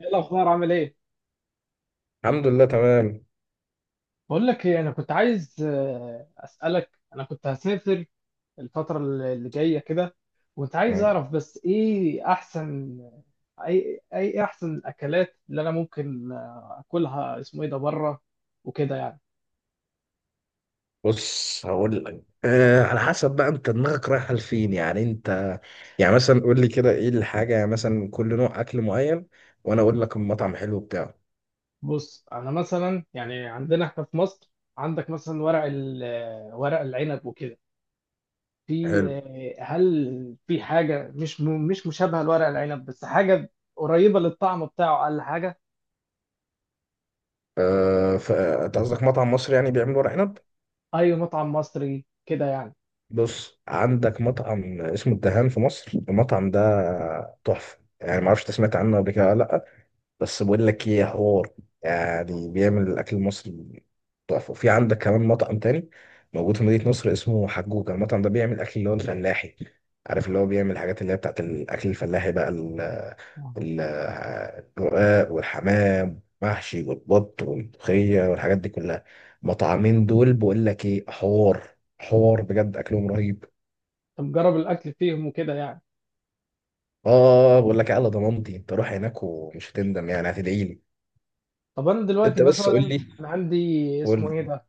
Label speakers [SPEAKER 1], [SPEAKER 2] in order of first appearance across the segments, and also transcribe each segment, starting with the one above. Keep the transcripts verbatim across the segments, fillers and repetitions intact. [SPEAKER 1] ايه الاخبار، عامل ايه؟
[SPEAKER 2] الحمد لله تمام.
[SPEAKER 1] بقول لك ايه، انا كنت عايز آه، اسالك. انا كنت هسافر الفتره اللي جايه كده، وكنت عايز
[SPEAKER 2] مم.
[SPEAKER 1] اعرف بس ايه احسن اي اي احسن الاكلات اللي انا ممكن آه، اكلها اسمه ايه ده بره وكده يعني.
[SPEAKER 2] بص، هقول لك أه على حسب بقى انت دماغك رايحه لفين، يعني انت، يعني مثلا قول لي كده ايه الحاجه، يعني مثلا كل نوع اكل معين وانا اقول لك المطعم حلو بتاعه.
[SPEAKER 1] بص، انا مثلا يعني عندنا احنا في مصر عندك مثلا ورق ال- آه، ورق العنب وكده. في
[SPEAKER 2] حلو.
[SPEAKER 1] آه، هل في حاجه مش م- مش مشابهه لورق العنب، بس حاجه قريبه للطعم بتاعه اقل حاجه؟
[SPEAKER 2] أه ف- انت قصدك مطعم مصري يعني بيعمل ورق عنب؟
[SPEAKER 1] اي مطعم مصري كده يعني.
[SPEAKER 2] بص، عندك مطعم اسمه الدهان في مصر، المطعم ده تحفه يعني، ما اعرفش انت سمعت
[SPEAKER 1] مم.
[SPEAKER 2] عنه قبل كده ولا لا، بس بقول لك
[SPEAKER 1] مم.
[SPEAKER 2] ايه حوار. يعني بيعمل الاكل المصري تحفه. وفي عندك كمان مطعم تاني موجود في مدينه نصر اسمه حجوجه. المطعم ده بيعمل اكل اللي هو الفلاحي، عارف؟ اللي هو بيعمل الحاجات اللي هي بتاعت الاكل الفلاحي بقى، ال-
[SPEAKER 1] آه.
[SPEAKER 2] ال- الرقاق والحمام محشي والبط والملوخيه والحاجات دي كلها. مطعمين دول بقول لك ايه حوار، حوار بجد، اكلهم رهيب.
[SPEAKER 1] طب جرب الاكل فيهم وكده يعني.
[SPEAKER 2] اه بقول لك إيه، على ضمانتي انت روح هناك ومش هتندم، يعني هتدعي لي.
[SPEAKER 1] طب انا دلوقتي
[SPEAKER 2] انت بس
[SPEAKER 1] مثلا
[SPEAKER 2] قول لي.
[SPEAKER 1] انا عندي
[SPEAKER 2] قول
[SPEAKER 1] اسمه ايه ده،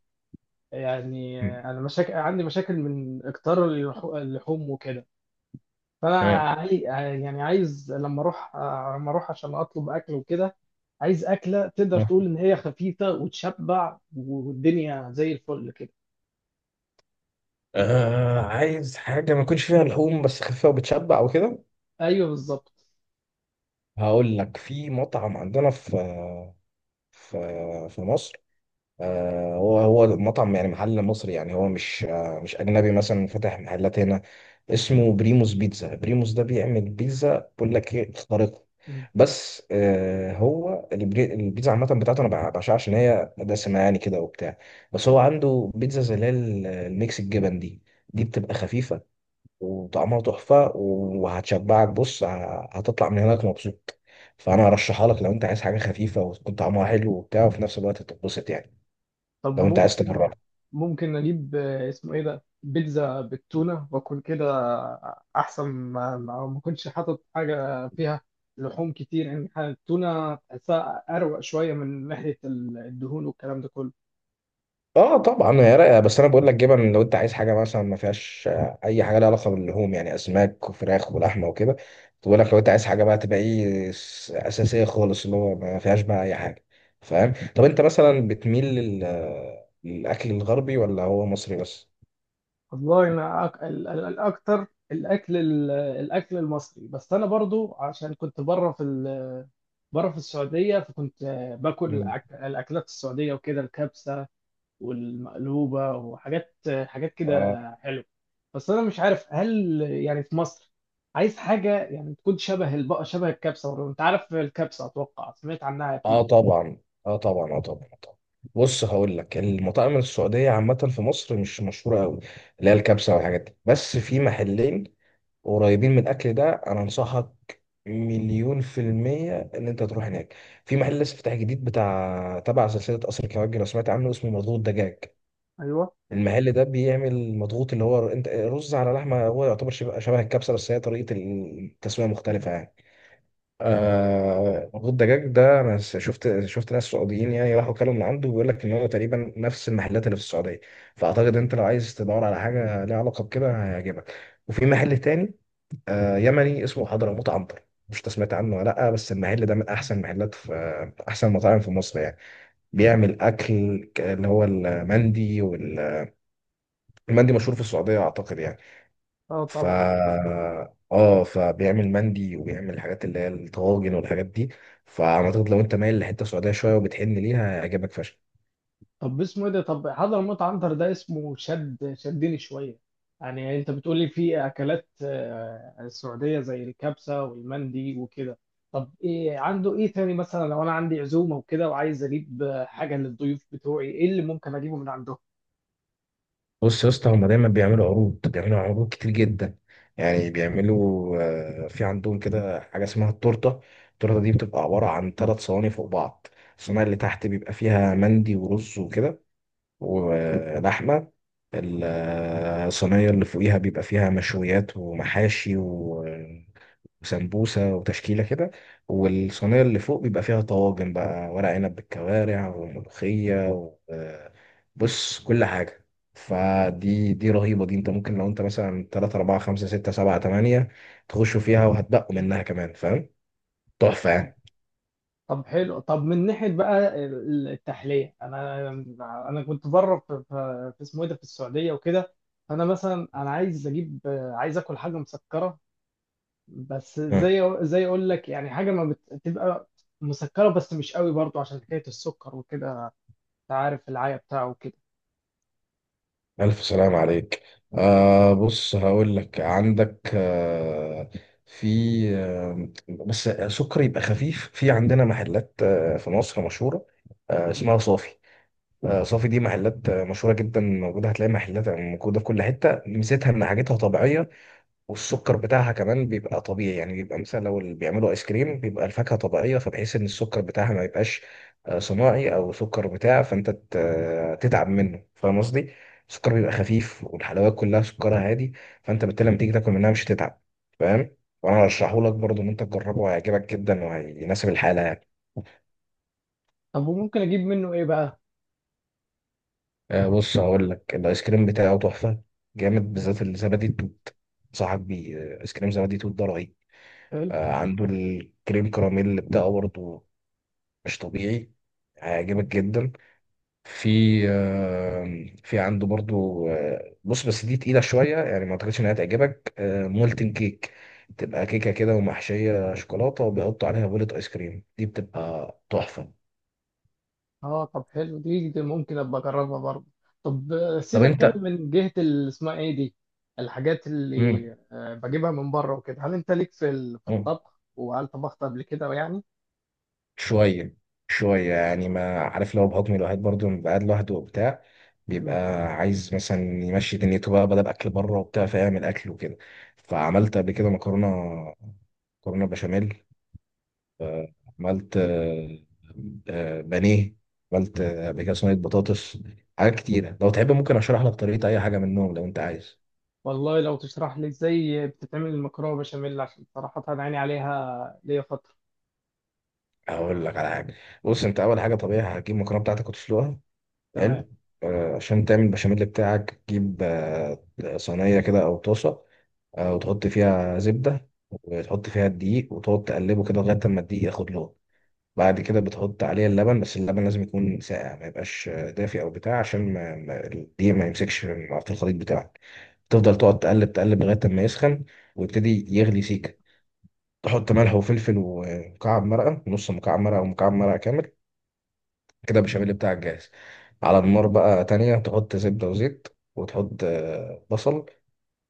[SPEAKER 1] يعني انا مشاكل عندي مشاكل من اكتار اللحو- اللحوم وكده، فانا
[SPEAKER 2] لي.
[SPEAKER 1] عاي... يعني عايز لما اروح لما اروح عشان اطلب اكل وكده، عايز اكله تقدر
[SPEAKER 2] آه.
[SPEAKER 1] تقول ان هي خفيفه وتشبع والدنيا زي الفل كده.
[SPEAKER 2] آه، عايز حاجة ما يكونش فيها لحوم بس خفيفة وبتشبع وكده؟
[SPEAKER 1] ايوه بالظبط.
[SPEAKER 2] هقول لك، في مطعم عندنا في في في مصر. آه هو هو مطعم يعني، محل مصري يعني، هو مش آه مش أجنبي مثلا فاتح محلات هنا، اسمه بريموس بيتزا. بريموس ده بيعمل بيتزا بقول لك ايه، خارقة.
[SPEAKER 1] مم.
[SPEAKER 2] بس آه هو البري- البيتزا عامة بتاعته أنا بع- بعشقها عشان هي دسمة يعني كده وبتاع. بس هو عنده بيتزا زي اللي هي الميكس الجبن دي دي بتبقى خفيفة وطعمها تحفة وهتشبعك. بص ه- هتطلع من هناك مبسوط. فأنا هرشحها لك لو أنت عايز حاجة خفيفة وتكون طعمها حلو وبتاع وفي نفس الوقت تتبسط يعني،
[SPEAKER 1] طب
[SPEAKER 2] لو أنت عايز تجربها.
[SPEAKER 1] ممكن ممكن اجيب آه، اسمه ايه ده بيتزا بالتونه واكل كده، احسن ما ما ما كنتش حاطط حاجه فيها لحوم كتير، ان حاجة- التونه تحسها اروق شويه من ناحيه ال- الدهون والكلام ده كله.
[SPEAKER 2] اه طبعا، هي رايقه، بس انا بقول لك جبن. لو انت عايز حاجه مثلا ما فيهاش آه، اي حاجه لها علاقه باللحوم يعني اسماك وفراخ ولحمه وكده، بقول لك لو انت عايز حاجه بقى تبقى ايه س- اساسيه خالص، اللي هو ما فيهاش بقى اي حاجه، فاهم؟ طب انت مثلا بتميل لل- للاكل الغربي ولا هو مصري بس؟
[SPEAKER 1] والله انا أك... ال- ال- الاكتر الاكل ال- الاكل المصري، بس انا برضو عشان كنت بره في ال... بره في السعوديه، فكنت آه، باكل
[SPEAKER 2] مم.
[SPEAKER 1] الأك... الاكلات السعوديه وكده، الكبسه والمقلوبة وحاجات حاجات كده حلوة. بس أنا مش عارف هل يعني في مصر عايز حاجة يعني تكون شبه البقى شبه الكبسة. أنت عارف الكبسة، أتوقع سمعت عنها
[SPEAKER 2] اه
[SPEAKER 1] أكيد.
[SPEAKER 2] طبعا، اه طبعا، اه طبعا، آه طبعا. بص، هقول لك، المطاعم السعوديه عامه في مصر مش مشهوره قوي، اللي هي الكبسه والحاجات دي، بس في محلين قريبين من الاكل ده، انا انصحك مليون في المية إن أنت تروح هناك. في محل لسه فتح جديد، بتاع تبع سلسلة قصر الكبابجي، لو سمعت عنه، اسمه مضغوط دجاج.
[SPEAKER 1] ايوه.
[SPEAKER 2] المحل ده بيعمل مضغوط، اللي هو أنت رز على لحمة، هو يعتبر شبه شبه الكبسة، بس هي طريقة التسوية مختلفة يعني. آه مخ الدجاج ده انا س- شفت شفت ناس سعوديين يعني راحوا كلوا من عنده، بيقول لك ان هو تقريبا نفس المحلات اللي في السعوديه. فاعتقد انت لو عايز تدور على حاجه ليها علاقه بكده هيعجبك. وفي محل تاني، آه يمني، اسمه حضرموت عنتر، مش إنت سمعت عنه ولا لا؟ بس المحل ده من احسن المحلات في آه، احسن المطاعم في مصر يعني. بيعمل اكل ك- اللي هو المندي، والمندي مشهور في السعوديه اعتقد يعني.
[SPEAKER 1] اه
[SPEAKER 2] ف
[SPEAKER 1] طبعا.
[SPEAKER 2] اه فبيعمل مندي وبيعمل الحاجات اللي هي الطواجن والحاجات دي. فاعتقد لو انت مايل لحته سعوديه شويه وبتحن ليها هيعجبك فشخ.
[SPEAKER 1] طب اسمه ايه ده، طب حضرموت عنتر ده اسمه شد شدني شويه. يعني انت بتقولي في اكلات آه، سعوديه زي الكبسه والمندي وكده، طب ايه عنده، ايه تاني مثلا لو انا عندي عزومه وكده وعايز اجيب آه، حاجه للضيوف بتوعي، ايه اللي ممكن اجيبه من عندهم؟
[SPEAKER 2] بص يا اسطى، هما دايما بيعملوا عروض، بيعملوا عروض كتير جدا، يعني بيعملوا آه، في عندهم كده حاجه اسمها التورته. التورته دي بتبقى عباره عن ثلاث صواني فوق بعض. الصينيه اللي تحت بيبقى فيها مندي ورز وكده ولحمه. الصينيه اللي فوقيها بيبقى فيها مشويات ومحاشي وسمبوسة وتشكيلة كده. والصينية اللي فوق بيبقى فيها طواجن بقى، ورق عنب بالكوارع وملوخية و... آه، بص، كل حاجة. فدي دي رهيبة. دي انت ممكن لو انت مثلا تلاته اربعه خمسه سته سبعه تمانيه تخشوا فيها وهتبقوا منها كمان، فاهم؟ تحفة يعني.
[SPEAKER 1] طب حلو. طب من ناحيه بقى ال- التحليه، انا انا كنت بره في في في اسمه ايه ده في السعوديه وكده، فانا مثلا انا عايز اجيب آه، عايز اكل حاجه مسكره، بس
[SPEAKER 2] مم.
[SPEAKER 1] زي زي اقول لك يعني حاجه ما بتبقى مسكره بس مش قوي برضو، عشان حكايه السكر وكده، انت عارف العيا بتاعه وكده.
[SPEAKER 2] ألف سلام عليك. آه بص، هقول لك، عندك آه في آه بس سكر يبقى خفيف، في عندنا محلات آه في مصر مشهورة، آه، اسمها صافي. آه، صافي دي محلات آه، مشهورة جدا موجودة، هتلاقي محلات موجودة في كل حتة، ميزتها إن حاجتها طبيعية والسكر بتاعها كمان بيبقى طبيعي. يعني بيبقى مثلا لو اللي بيعملوا آيس كريم، بيبقى الفاكهة طبيعية، فبحيث إن السكر بتاعها ما يبقاش آه، صناعي أو سكر بتاع فأنت ت- آه، تتعب منه، فاهم قصدي؟ السكر بيبقى خفيف والحلويات كلها سكرها هادي، فأنت بالتالي لما تيجي تاكل منها مش هتتعب، فاهم؟ وأنا هرشحهولك برضه إن أنت تجربه، هيعجبك جدا وهيناسب الحالة يعني.
[SPEAKER 1] طب وممكن اجيب منه ايه بقى؟
[SPEAKER 2] آه بص، هقول لك، الايس كريم بتاعه تحفه جامد، بالذات الزبادي التوت. انصحك بيه، آه، ايس كريم زبادي توت ده رهيب.
[SPEAKER 1] حلو.
[SPEAKER 2] آه عنده الكريم كراميل اللي بتاعه برضه مش طبيعي، هيعجبك جدا. في آه في عنده برضه، آه بص بس دي تقيله شويه يعني، ما اعتقدش انها تعجبك، آه مولتن كيك، تبقى كيكه كده ومحشيه شوكولاته وبيحطوا عليها بولة ايس كريم، دي بتبقى تحفه.
[SPEAKER 1] اه طب حلو، دي, دي ممكن ابقى اجربها برضو. طب آه،
[SPEAKER 2] طب
[SPEAKER 1] سيبك كده
[SPEAKER 2] انت.
[SPEAKER 1] من جهه ال- اسمها ايه دي، الحاجات اللي آه، بجيبها من بره وكده. هل انت ليك في ال- في
[SPEAKER 2] مم.
[SPEAKER 1] الطبخ، وهل طبخت قبل كده يعني؟
[SPEAKER 2] شوية شوية يعني، ما عارف، لو بحكم الواحد برضه بيبقى قاعد لوحده وبتاع، بيبقى
[SPEAKER 1] مم.
[SPEAKER 2] عايز مثلا يمشي دنيته بقى بدل أكل بره وبتاع فيعمل أكل وكده. فعملت قبل كده مكرونة، مكرونة بشاميل، عملت آه، آه، بانيه، عملت آه، قبل كده صينية بطاطس، حاجات كتيرة. لو تحب ممكن أشرح لك طريقة أي حاجة منهم، لو أنت عايز
[SPEAKER 1] والله لو تشرح لي ازاي بتتعمل المكرونه بشاميل، عشان صراحه انا عيني عليها ليا فتره.
[SPEAKER 2] أقول لك على حاجة. بص، أنت أول حاجة طبيعي هتجيب المكرونة بتاعتك وتسلقها.
[SPEAKER 1] تمام.
[SPEAKER 2] حلو. آه، عشان تعمل البشاميل بتاعك تجيب آه، صينية كده أو طاسة، آه، وتحط فيها زبدة وتحط فيها الدقيق وتقعد تقلبه كده لغاية ما الدقيق ياخد لون. بعد كده بتحط عليه اللبن، بس اللبن لازم يكون ساقع، ما يبقاش آه، دافي أو بتاع، عشان ما ما- الدقيق ما يمسكش مع- في الخليط بتاعك. تفضل تقعد تقلب تقلب لغاية ما يسخن ويبتدي يغلي سيكة. تحط ملح وفلفل ومكعب مرقة، نص مكعب مرقة أو مكعب مرقة كامل، كده البشاميل بتاعك جاهز. على النار بقى تانية تحط زبدة وزيت وتحط آه، بصل،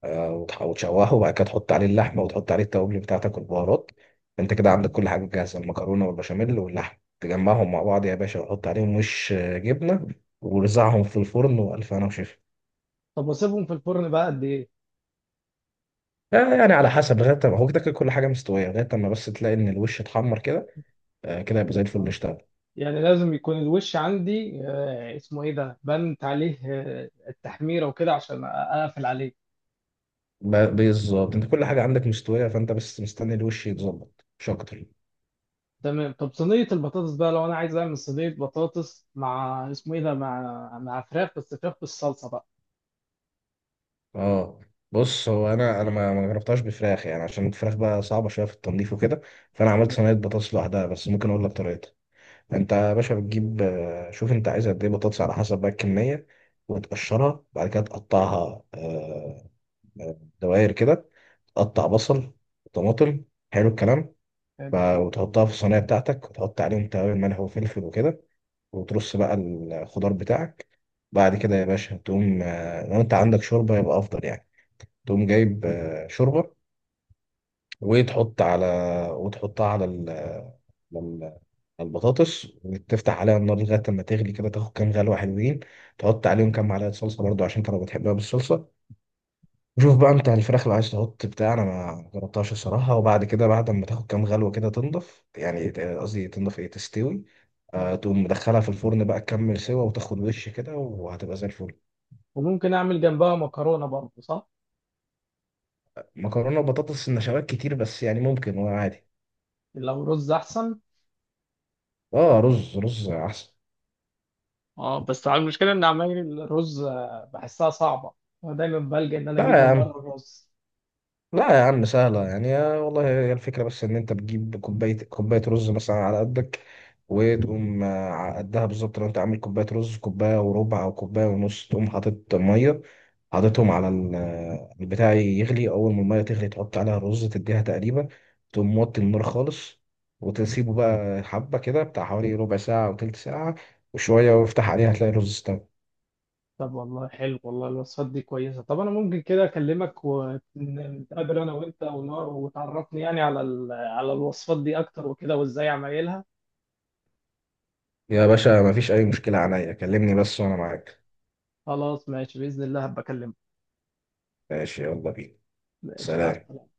[SPEAKER 2] آه، وتح- وتشوحه، وبعد كده تحط عليه اللحمة وتحط عليه التوابل بتاعتك والبهارات. انت كده عندك كل حاجة جاهزة، المكرونة والبشاميل واللحمة، تجمعهم مع بعض يا باشا وحط عليهم وش آه، جبنة ورزعهم في الفرن وألف هنا وشفا.
[SPEAKER 1] طب واسيبهم في الفرن بقى قد ايه؟
[SPEAKER 2] آه، يعني على حسب، لغاية ما هو كده كده كل حاجة مستوية، لغاية ما بس تلاقي إن الوش اتحمر كده، آه، كده يبقى زي الفل
[SPEAKER 1] آه.
[SPEAKER 2] اشتغل.
[SPEAKER 1] يعني لازم يكون الوش عندي آه، اسمه ايه ده بنت عليه آه، التحميره وكده عشان اقفل عليه.
[SPEAKER 2] ب- بالظبط، انت كل حاجة عندك مستوية فانت بس مستني الوش يتظبط مش أكتر.
[SPEAKER 1] تمام. طب صينيه البطاطس بقى، لو انا عايز اعمل صينيه بطاطس مع اسمه ايه ده مع مع فراخ، بس فراخ بالصلصه بقى.
[SPEAKER 2] اه بص، هو انا انا ما ما جربتهاش بفراخ يعني، عشان الفراخ بقى صعبه شويه في التنظيف وكده، فانا عملت
[SPEAKER 1] تمام.
[SPEAKER 2] صينيه بطاطس لوحدها، بس ممكن اقول لك طريقتها. انت يا باشا بتجيب آه، شوف انت عايز قد ايه بطاطس، على حسب بقى الكميه، وتقشرها. بعد كده تقطعها آه، آه، دوائر كده، تقطع بصل وطماطم. حلو الكلام.
[SPEAKER 1] حلو.
[SPEAKER 2] ف- وتحطها في الصينيه بتاعتك، وتحط عليهم توابل ملح وفلفل وكده، وترص بقى الخضار بتاعك. بعد كده يا باشا تقوم، آه، لو انت عندك شوربه يبقى افضل يعني، تقوم جايب آه، شوربه وتحط على وتحطها على ال- لل- على البطاطس وتفتح عليها النار لغايه ما تغلي كده، تاخد كام غلوه حلوين. تحط عليهم كام معلقه صلصه برضو، عشان انت لو بتحبها بالصلصه. وشوف بقى انت الفراخ اللي عايز تحط بتاع، انا ما جربتهاش الصراحه. وبعد كده بعد ما تاخد كام غلوه كده تنضف يعني، آه، قصدي تنضف ايه، تستوي، آه، تقوم مدخلها في الفرن بقى، تكمل سوا وتاخد وش كده وهتبقى زي الفل.
[SPEAKER 1] وممكن اعمل جنبها مكرونه برضه، صح؟
[SPEAKER 2] مكرونه وبطاطس النشويات كتير بس، يعني ممكن وعادي.
[SPEAKER 1] لو رز احسن.
[SPEAKER 2] اه، رز رز احسن.
[SPEAKER 1] اه بس على المشكله ان عمايل الرز آه، بحسها صعبه، انا دايما بلجأ ان انا
[SPEAKER 2] لا
[SPEAKER 1] اجيب
[SPEAKER 2] يا
[SPEAKER 1] من
[SPEAKER 2] عم،
[SPEAKER 1] بره الرز.
[SPEAKER 2] لا يا عم، سهلة يعني يا والله. هي الفكرة بس إن أنت بتجيب كوباية، كوباية رز مثلا على قدك، وتقوم آه، على قدها بالظبط، لو أنت عامل كوباية رز كوباية وربع أو كوباية ونص تقوم حاطط مية. حاططهم على ال- آه، البتاع يغلي، أول ما المية تغلي تحط عليها الرز، تديها تقريبا، تقوم موطي النار خالص وتسيبه بقى حبة كده بتاع حوالي ربع ساعة أو تلت ساعة وشوية، وافتح عليها هتلاقي الرز استوى.
[SPEAKER 1] طب والله حلو، والله الوصفات دي كويسه. طب انا ممكن كده اكلمك ونتقابل انا وانت ونار، وتعرفني يعني على ال- على الوصفات دي اكتر وكده وازاي عمايلها.
[SPEAKER 2] يا باشا مفيش أي مشكلة، عليا كلمني بس وأنا معاك.
[SPEAKER 1] خلاص ماشي، باذن الله هبقى اكلمك.
[SPEAKER 2] ماشي، يلا بينا.
[SPEAKER 1] ماشي، مع
[SPEAKER 2] سلام.
[SPEAKER 1] السلامه.